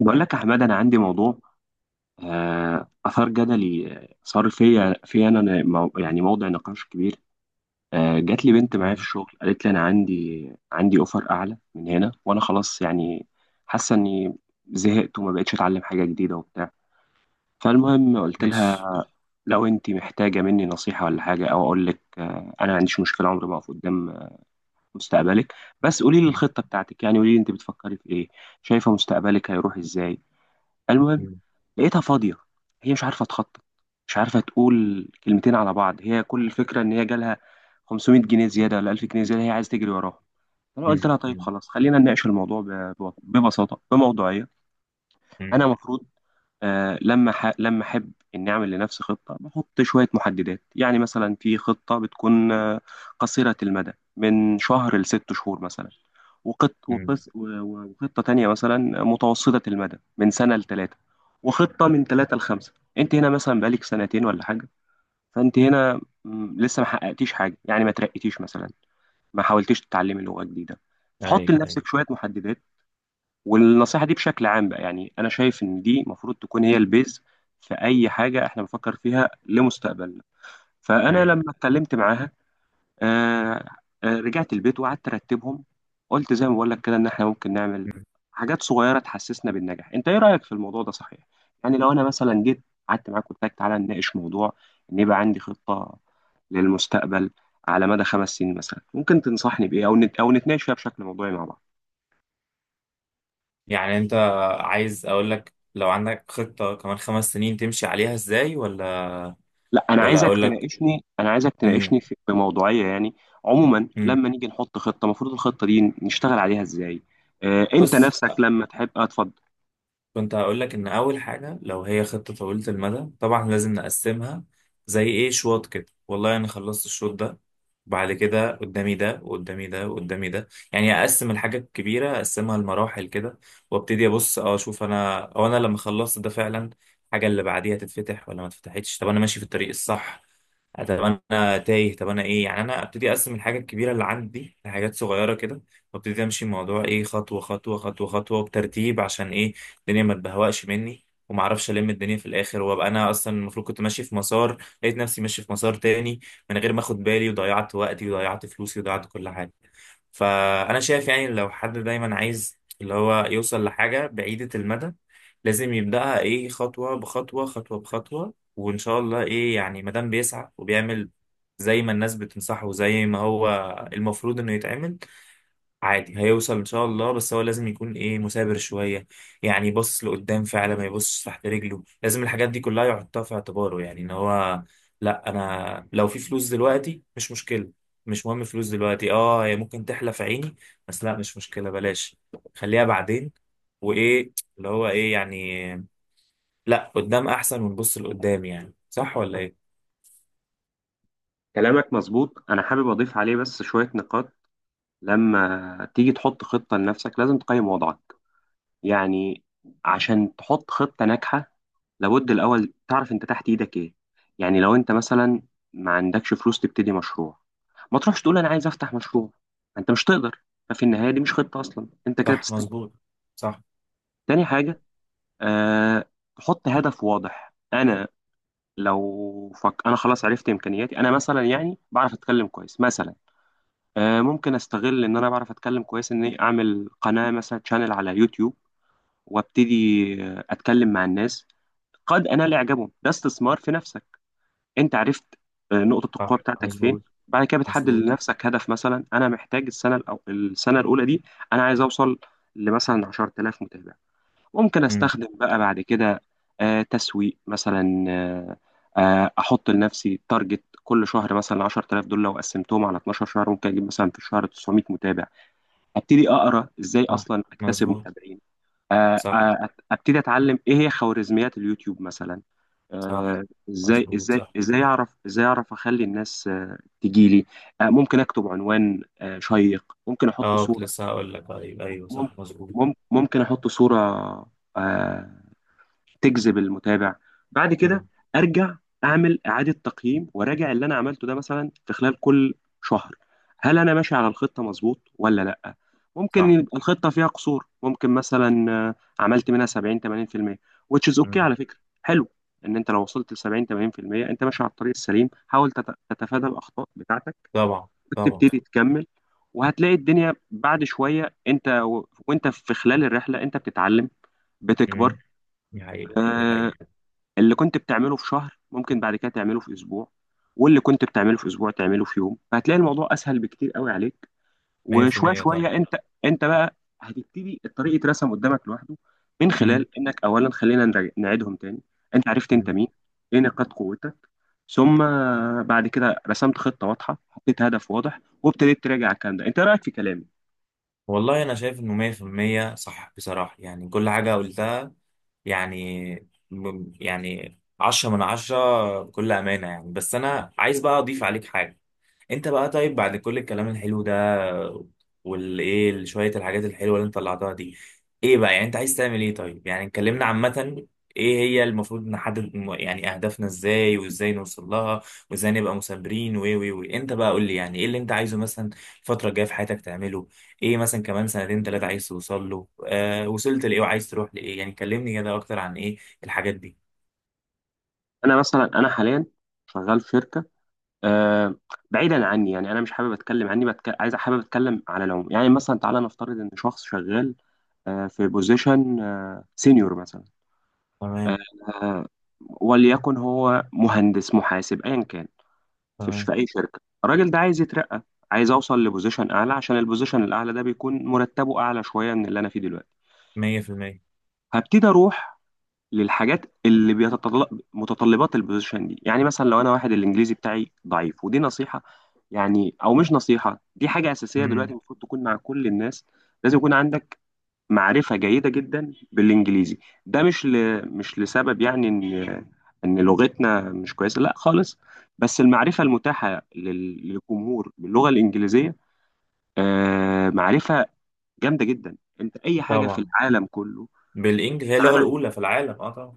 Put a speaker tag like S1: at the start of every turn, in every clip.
S1: بقول لك يا حماد، انا عندي موضوع. اثار جدلي. صار فيا في يعني موضع نقاش كبير. جات لي بنت معايا في
S2: مم.
S1: الشغل، قالت لي: انا عندي اوفر اعلى من هنا، وانا خلاص يعني حاسه اني زهقت وما بقتش اتعلم حاجه جديده وبتاع. فالمهم قلت
S2: ماشي.
S1: لها: لو انت محتاجه مني نصيحه ولا حاجه او اقول لك، انا ما عنديش مشكله، عمري ما اقف قدام مستقبلك. بس قولي لي
S2: مم.
S1: الخطه بتاعتك، يعني قولي لي انت بتفكري في ايه، شايفه مستقبلك هيروح ازاي. المهم،
S2: مم.
S1: لقيتها فاضية. هي مش عارفة تخطط، مش عارفة تقول كلمتين على بعض. هي كل الفكرة إن هي جالها 500 جنيه زيادة ولا 1000 جنيه زيادة هي عايزة تجري وراهم. أنا قلت
S2: مم.
S1: لها: طيب
S2: مم.
S1: خلاص، خلينا نناقش الموضوع ببساطة بموضوعية. أنا
S2: مم.
S1: المفروض، لما احب اني اعمل لنفسي خطه، بحط شويه محددات. يعني مثلا في خطه بتكون قصيره المدى من شهر لست شهور مثلا. وقط...
S2: مم.
S1: وقص... و- و- وخطه تانية مثلا متوسطه المدى من سنه لثلاثه، وخطه من ثلاثه لخمسه. انت هنا مثلا بقالك سنتين ولا حاجه، فانت هنا لسه ما حققتيش حاجه، يعني ما ترقيتيش مثلا، ما حاولتيش تتعلمي لغه جديده. فحط
S2: ايوه، ايوه،
S1: لنفسك شويه محددات. والنصيحة دي بشكل عام بقى، يعني أنا شايف إن دي المفروض تكون هي البيز في أي حاجة إحنا بنفكر فيها لمستقبلنا. فأنا
S2: ايوه.
S1: لما اتكلمت معاها، آه رجعت البيت وقعدت أرتبهم. قلت زي ما بقول لك كده، إن إحنا ممكن نعمل حاجات صغيرة تحسسنا بالنجاح. أنت إيه رأيك في الموضوع ده، صحيح؟ يعني لو أنا مثلا جيت قعدت معاك قلت لك: تعالى نناقش موضوع، إن يبقى عندي خطة للمستقبل على مدى 5 سنين مثلا، ممكن تنصحني بإيه أو نتناقش فيها بشكل موضوعي مع بعض؟
S2: يعني انت عايز اقول لك لو عندك خطة كمان خمس سنين تمشي عليها ازاي، ولا
S1: لا، انا
S2: ولا
S1: عايزك
S2: اقول لك؟
S1: تناقشني انا عايزك
S2: مم.
S1: تناقشني بموضوعيه يعني. عموما
S2: مم.
S1: لما نيجي نحط خطه، المفروض الخطه دي نشتغل عليها ازاي؟ انت
S2: بص،
S1: نفسك لما تحب، اتفضل.
S2: كنت هقول لك ان اول حاجه لو هي خطه طويله المدى، طبعا لازم نقسمها. زي ايه؟ شوط كده. والله انا خلصت الشوط ده، بعد كده قدامي ده وقدامي ده وقدامي ده. يعني اقسم الحاجه الكبيره، اقسمها لمراحل كده، وابتدي ابص اشوف، انا لما خلصت ده فعلا الحاجه اللي بعديها تتفتح ولا ما اتفتحتش. طب انا ماشي في الطريق الصح؟ طب انا تايه؟ طب انا ايه؟ يعني انا ابتدي اقسم الحاجه الكبيره اللي عندي لحاجات صغيره كده، وابتدي امشي الموضوع ايه، خطوه خطوه خطوه خطوه بترتيب. عشان ايه؟ الدنيا ما تبهوأش مني وما اعرفش الم الدنيا في الاخر، وابقى انا اصلا المفروض كنت ماشي في مسار لقيت نفسي ماشي في مسار تاني من غير ما اخد بالي، وضيعت وقتي وضيعت فلوسي وضيعت كل حاجه. فانا شايف يعني، لو حد دايما عايز اللي هو يوصل لحاجه بعيده المدى، لازم يبداها ايه، خطوه بخطوه خطوه بخطوه. وان شاء الله ايه يعني، ما دام بيسعى وبيعمل زي ما الناس بتنصحه وزي ما هو المفروض انه يتعمل، عادي هيوصل ان شاء الله. بس هو لازم يكون ايه، مثابر شويه. يعني يبص لقدام فعلا ما يبصش تحت رجله. لازم الحاجات دي كلها يحطها في اعتباره، يعني ان هو لا، انا لو في فلوس دلوقتي مش مشكله. مش مهم فلوس دلوقتي. اه هي ممكن تحلف عيني، بس لا، مش مشكله، بلاش. خليها بعدين. وايه اللي هو ايه يعني. لا، قدام احسن، ونبص لقدام. يعني صح ولا ايه؟
S1: كلامك مظبوط، انا حابب اضيف عليه بس شويه نقاط. لما تيجي تحط خطه لنفسك، لازم تقيم وضعك. يعني عشان تحط خطة ناجحة، لابد الأول تعرف أنت تحت إيدك إيه. يعني لو أنت مثلا ما عندكش فلوس تبتدي مشروع، ما تروحش تقول أنا عايز أفتح مشروع، أنت مش تقدر. ففي النهاية دي مش خطة أصلا، أنت كده
S2: صح،
S1: بتستنى.
S2: مظبوط. صح.
S1: تاني حاجة، أه تحط هدف واضح. أنا أنا خلاص عرفت إمكانياتي، أنا مثلا يعني بعرف أتكلم كويس مثلا. ممكن أستغل إن أنا بعرف أتكلم كويس إني أعمل قناة مثلا، شانل على يوتيوب. وابتدي اتكلم مع الناس، قد أنال إعجابهم. ده استثمار في نفسك، أنت عرفت نقطة القوة
S2: صح،
S1: بتاعتك فين.
S2: مظبوط.
S1: بعد كده بتحدد
S2: مظبوط.
S1: لنفسك هدف، مثلا أنا محتاج السنة الأولى دي أنا عايز أوصل لمثلا 10000 متابع. ممكن
S2: امم.
S1: أستخدم بقى بعد كده تسويق مثلا. أحط لنفسي تارجت كل شهر، مثلا 10000 دول لو قسمتهم على 12 شهر ممكن أجيب مثلا في الشهر 900 متابع. أبتدي أقرأ إزاي
S2: صح،
S1: أصلا أكتسب
S2: مظبوط.
S1: متابعين.
S2: صح.
S1: ابتدي اتعلم ايه هي خوارزميات اليوتيوب مثلا.
S2: صح،
S1: آه، ازاي
S2: مظبوط.
S1: ازاي
S2: صح.
S1: ازاي اعرف ازاي اعرف اخلي الناس تجيلي. ممكن اكتب عنوان شيق.
S2: اه، كنت لسه هقول لك، طيب ايوه
S1: مم-
S2: صح مظبوط.
S1: ممكن احط صورة آه، تجذب المتابع. بعد كده
S2: مم.
S1: ارجع، اعمل اعاده تقييم وراجع اللي انا عملته ده مثلا في خلال كل شهر. هل انا ماشي على الخطه مظبوط ولا لا؟ ممكن
S2: صح.
S1: يبقى الخطه فيها قصور، ممكن مثلا عملت منها 70 80%, which is okay
S2: مم.
S1: على فكره. حلو ان انت لو وصلت ل 70 80% انت ماشي على الطريق السليم. حاول تتفادى الاخطاء بتاعتك
S2: طبعا. طبعا.
S1: وتبتدي تكمل. وهتلاقي الدنيا بعد شويه، وانت في خلال الرحله انت بتتعلم، بتكبر.
S2: مم. دي حقيقة، دي
S1: آه،
S2: حقيقة.
S1: اللي كنت بتعمله في شهر ممكن بعد كده تعمله في اسبوع، واللي كنت بتعمله في اسبوع تعمله في يوم. فهتلاقي الموضوع اسهل بكتير قوي عليك، وشويه
S2: 100% طبعا.
S1: شويه انت بقى هتبتدي الطريق يترسم قدامك لوحده. من
S2: مم.
S1: خلال انك اولا خلينا نعيدهم تاني: انت عرفت انت
S2: مم.
S1: مين، ايه نقاط قوتك، ثم بعد كده رسمت خطه واضحه، حطيت هدف واضح، وابتديت تراجع الكلام ده. انت إيه رايك في كلامي؟
S2: والله انا شايف انه 100% صح بصراحه. يعني كل حاجه قلتها، يعني يعني 10 من 10 بكل امانه يعني. بس انا عايز بقى اضيف عليك حاجه. انت بقى طيب، بعد كل الكلام الحلو ده والايه، شويه الحاجات الحلوه اللي انت طلعتها دي، ايه بقى يعني انت عايز تعمل؟ ايه طيب، يعني اتكلمنا عامه ايه هي المفروض، نحدد يعني اهدافنا ازاي، وازاي نوصل لها، وازاي نبقى مثابرين، و انت بقى قول لي يعني ايه اللي انت عايزه، مثلا الفتره الجايه في حياتك تعمله ايه؟ مثلا كمان سنتين ثلاثة عايز توصل له، وصلت لايه وعايز تروح لايه؟ يعني كلمني كده اكتر عن ايه الحاجات دي.
S1: انا حاليا شغال في شركه. آه، بعيدا عني يعني، انا مش حابب اتكلم عني، عايز حابب اتكلم على العموم. يعني مثلا تعالى نفترض ان شخص شغال في بوزيشن سينيور مثلا،
S2: تمام.
S1: آه، آه، وليكن هو مهندس، محاسب، ايا كان، في
S2: تمام.
S1: في اي شركه. الراجل ده عايز يترقى، عايز اوصل لبوزيشن اعلى، عشان البوزيشن الاعلى ده بيكون مرتبه اعلى شويه من اللي انا فيه دلوقتي.
S2: 100%.
S1: هبتدي اروح للحاجات اللي بيتطلب متطلبات البوزيشن دي. يعني مثلا لو انا واحد الانجليزي بتاعي ضعيف، ودي نصيحه يعني، او مش نصيحه، دي حاجه اساسيه دلوقتي
S2: امم.
S1: المفروض تكون مع كل الناس، لازم يكون عندك معرفه جيده جدا بالانجليزي. ده مش لسبب يعني ان لغتنا مش كويسه، لا خالص. بس المعرفه المتاحه للجمهور باللغه الانجليزيه معرفه جامده جدا. انت اي حاجه في
S2: طبعا
S1: العالم كله،
S2: بالانجلش هي اللغة الاولى في العالم، طبعا.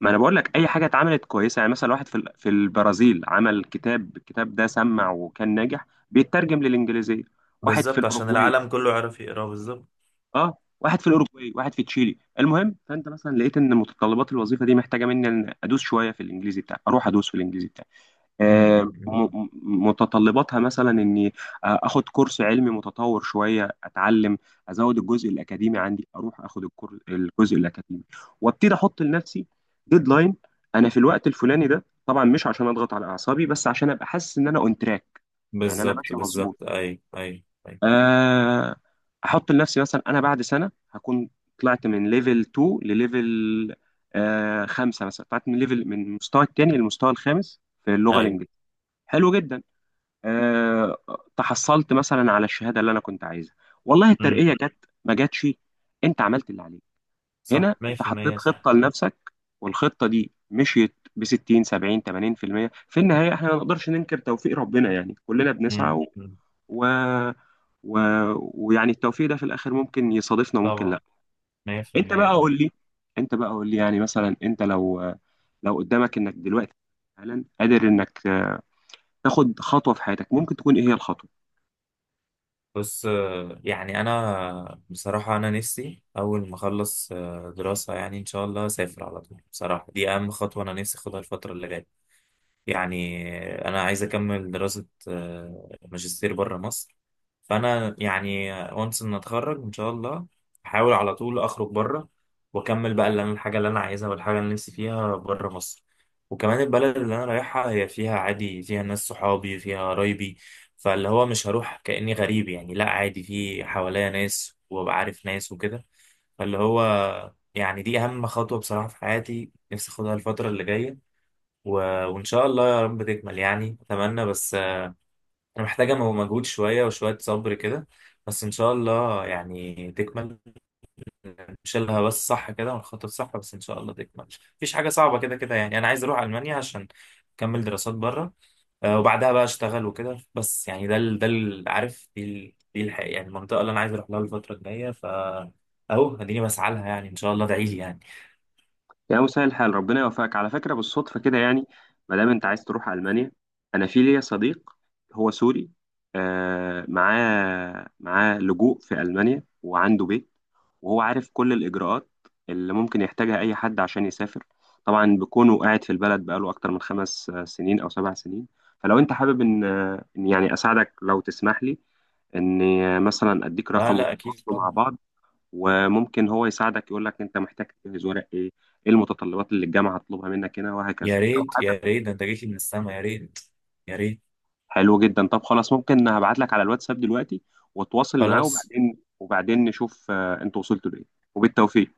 S1: ما انا بقول لك، اي حاجه اتعملت كويسه يعني، مثلا واحد في البرازيل عمل كتاب، الكتاب ده سمع وكان ناجح بيترجم للانجليزيه. واحد في
S2: بالظبط، عشان
S1: الاوروغواي،
S2: العالم كله عارف يقراه. بالظبط.
S1: اه واحد في الاوروغواي، واحد في تشيلي. المهم، فانت مثلا لقيت ان متطلبات الوظيفه دي محتاجه مني ان ادوس شويه في الانجليزي بتاعي، اروح ادوس في الانجليزي بتاعي.
S2: امم.
S1: آه، م-
S2: أمم.
S1: م- متطلباتها مثلا اني اخد كورس علمي متطور شويه، اتعلم ازود الجزء الاكاديمي عندي، اروح اخد الجزء الاكاديمي، وابتدي احط لنفسي ديدلاين. انا في الوقت الفلاني ده، طبعا مش عشان اضغط على اعصابي، بس عشان ابقى حاسس ان انا اون تراك، يعني انا
S2: بالظبط،
S1: ماشي مظبوط.
S2: بالظبط. ايوه، ايوه. ايوه،
S1: آه، احط لنفسي مثلا: انا بعد سنه هكون طلعت من ليفل 2 لليفل 5 مثلا، طلعت من ليفل، من المستوى الثاني للمستوى الخامس في اللغه
S2: ايوه.
S1: الانجليزيه. حلو جدا. آه، تحصلت مثلا على الشهاده اللي انا كنت عايزها. والله
S2: امم.
S1: الترقيه جت ما جاتش، انت عملت اللي عليك. هنا
S2: صح.
S1: انت حطيت
S2: 100% صح.
S1: خطه لنفسك، والخطه دي مشيت ب 60 70 80% في المية. في النهايه احنا ما نقدرش ننكر توفيق ربنا، يعني كلنا بنسعى
S2: امم. أمم.
S1: و... و... ويعني التوفيق ده في الاخر ممكن يصادفنا وممكن
S2: طبعا.
S1: لا. انت
S2: 100%
S1: بقى
S2: طبعا.
S1: قول لي انت بقى قول لي يعني مثلا انت لو قدامك انك دلوقتي حالا قادر انك تاخد خطوه في حياتك، ممكن تكون ايه هي الخطوه؟
S2: بص، يعني انا بصراحه انا نفسي اول ما اخلص دراسه، يعني ان شاء الله اسافر على طول. بصراحه دي اهم خطوه انا نفسي اخدها الفتره اللي جايه. يعني انا عايز اكمل دراسة ماجستير بره مصر. فانا يعني، وانس ان اتخرج ان شاء الله، احاول على طول اخرج بره، واكمل بقى اللي الحاجة اللي انا عايزها، والحاجة اللي نفسي فيها بره مصر. وكمان البلد اللي انا رايحها هي فيها عادي، فيها ناس صحابي، فيها قرايبي. فاللي هو مش هروح كأني غريب، يعني لا، عادي في حواليا ناس وابقى عارف ناس وكده. فاللي هو، يعني دي اهم خطوة بصراحة في حياتي، نفسي اخدها الفترة اللي جاية. و... وإن شاء الله يا رب تكمل، يعني أتمنى. بس أنا محتاجة مجهود، شوية وشوية صبر كده، بس إن شاء الله يعني تكمل. نشيلها بس صح كده، ونخطط صح، بس إن شاء الله تكمل. مفيش حاجة صعبة كده كده. يعني أنا عايز أروح ألمانيا عشان أكمل دراسات بره، وبعدها بقى أشتغل وكده. بس يعني عارف دي ال... دي الح... يعني المنطقة اللي أنا عايز أروح لها الفترة الجاية، ف أهو، أديني بسعى لها. يعني إن شاء الله ادعي لي يعني.
S1: يا مسهل الحال، ربنا يوفقك. على فكرة، بالصدفة كده يعني، ما دام انت عايز تروح ألمانيا، انا في ليا صديق، هو سوري، معاه لجوء في ألمانيا وعنده بيت، وهو عارف كل الإجراءات اللي ممكن يحتاجها أي حد عشان يسافر. طبعا بكونه قاعد في البلد بقاله أكتر من 5 سنين أو 7 سنين. فلو أنت حابب إن يعني أساعدك، لو تسمح لي إني مثلا أديك
S2: لا،
S1: رقم
S2: لا، أكيد
S1: وتتواصلوا
S2: طبعا.
S1: مع بعض. وممكن هو يساعدك يقول لك انت محتاج تجهز ورق ايه، ايه المتطلبات اللي الجامعه هتطلبها منك هنا وهكذا،
S2: يا
S1: لو
S2: ريت، يا
S1: حابب.
S2: ريت، ده أنت جيت لي من السما، يا ريت. يا ريت.
S1: حلو جدا، طب خلاص، ممكن هبعت لك على الواتساب دلوقتي واتواصل معاه،
S2: خلاص.
S1: وبعدين نشوف انت وصلتوا لايه. وبالتوفيق.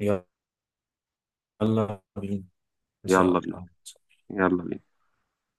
S2: يلا بينا. إن شاء
S1: يلا بينا.
S2: الله.
S1: يلا بينا.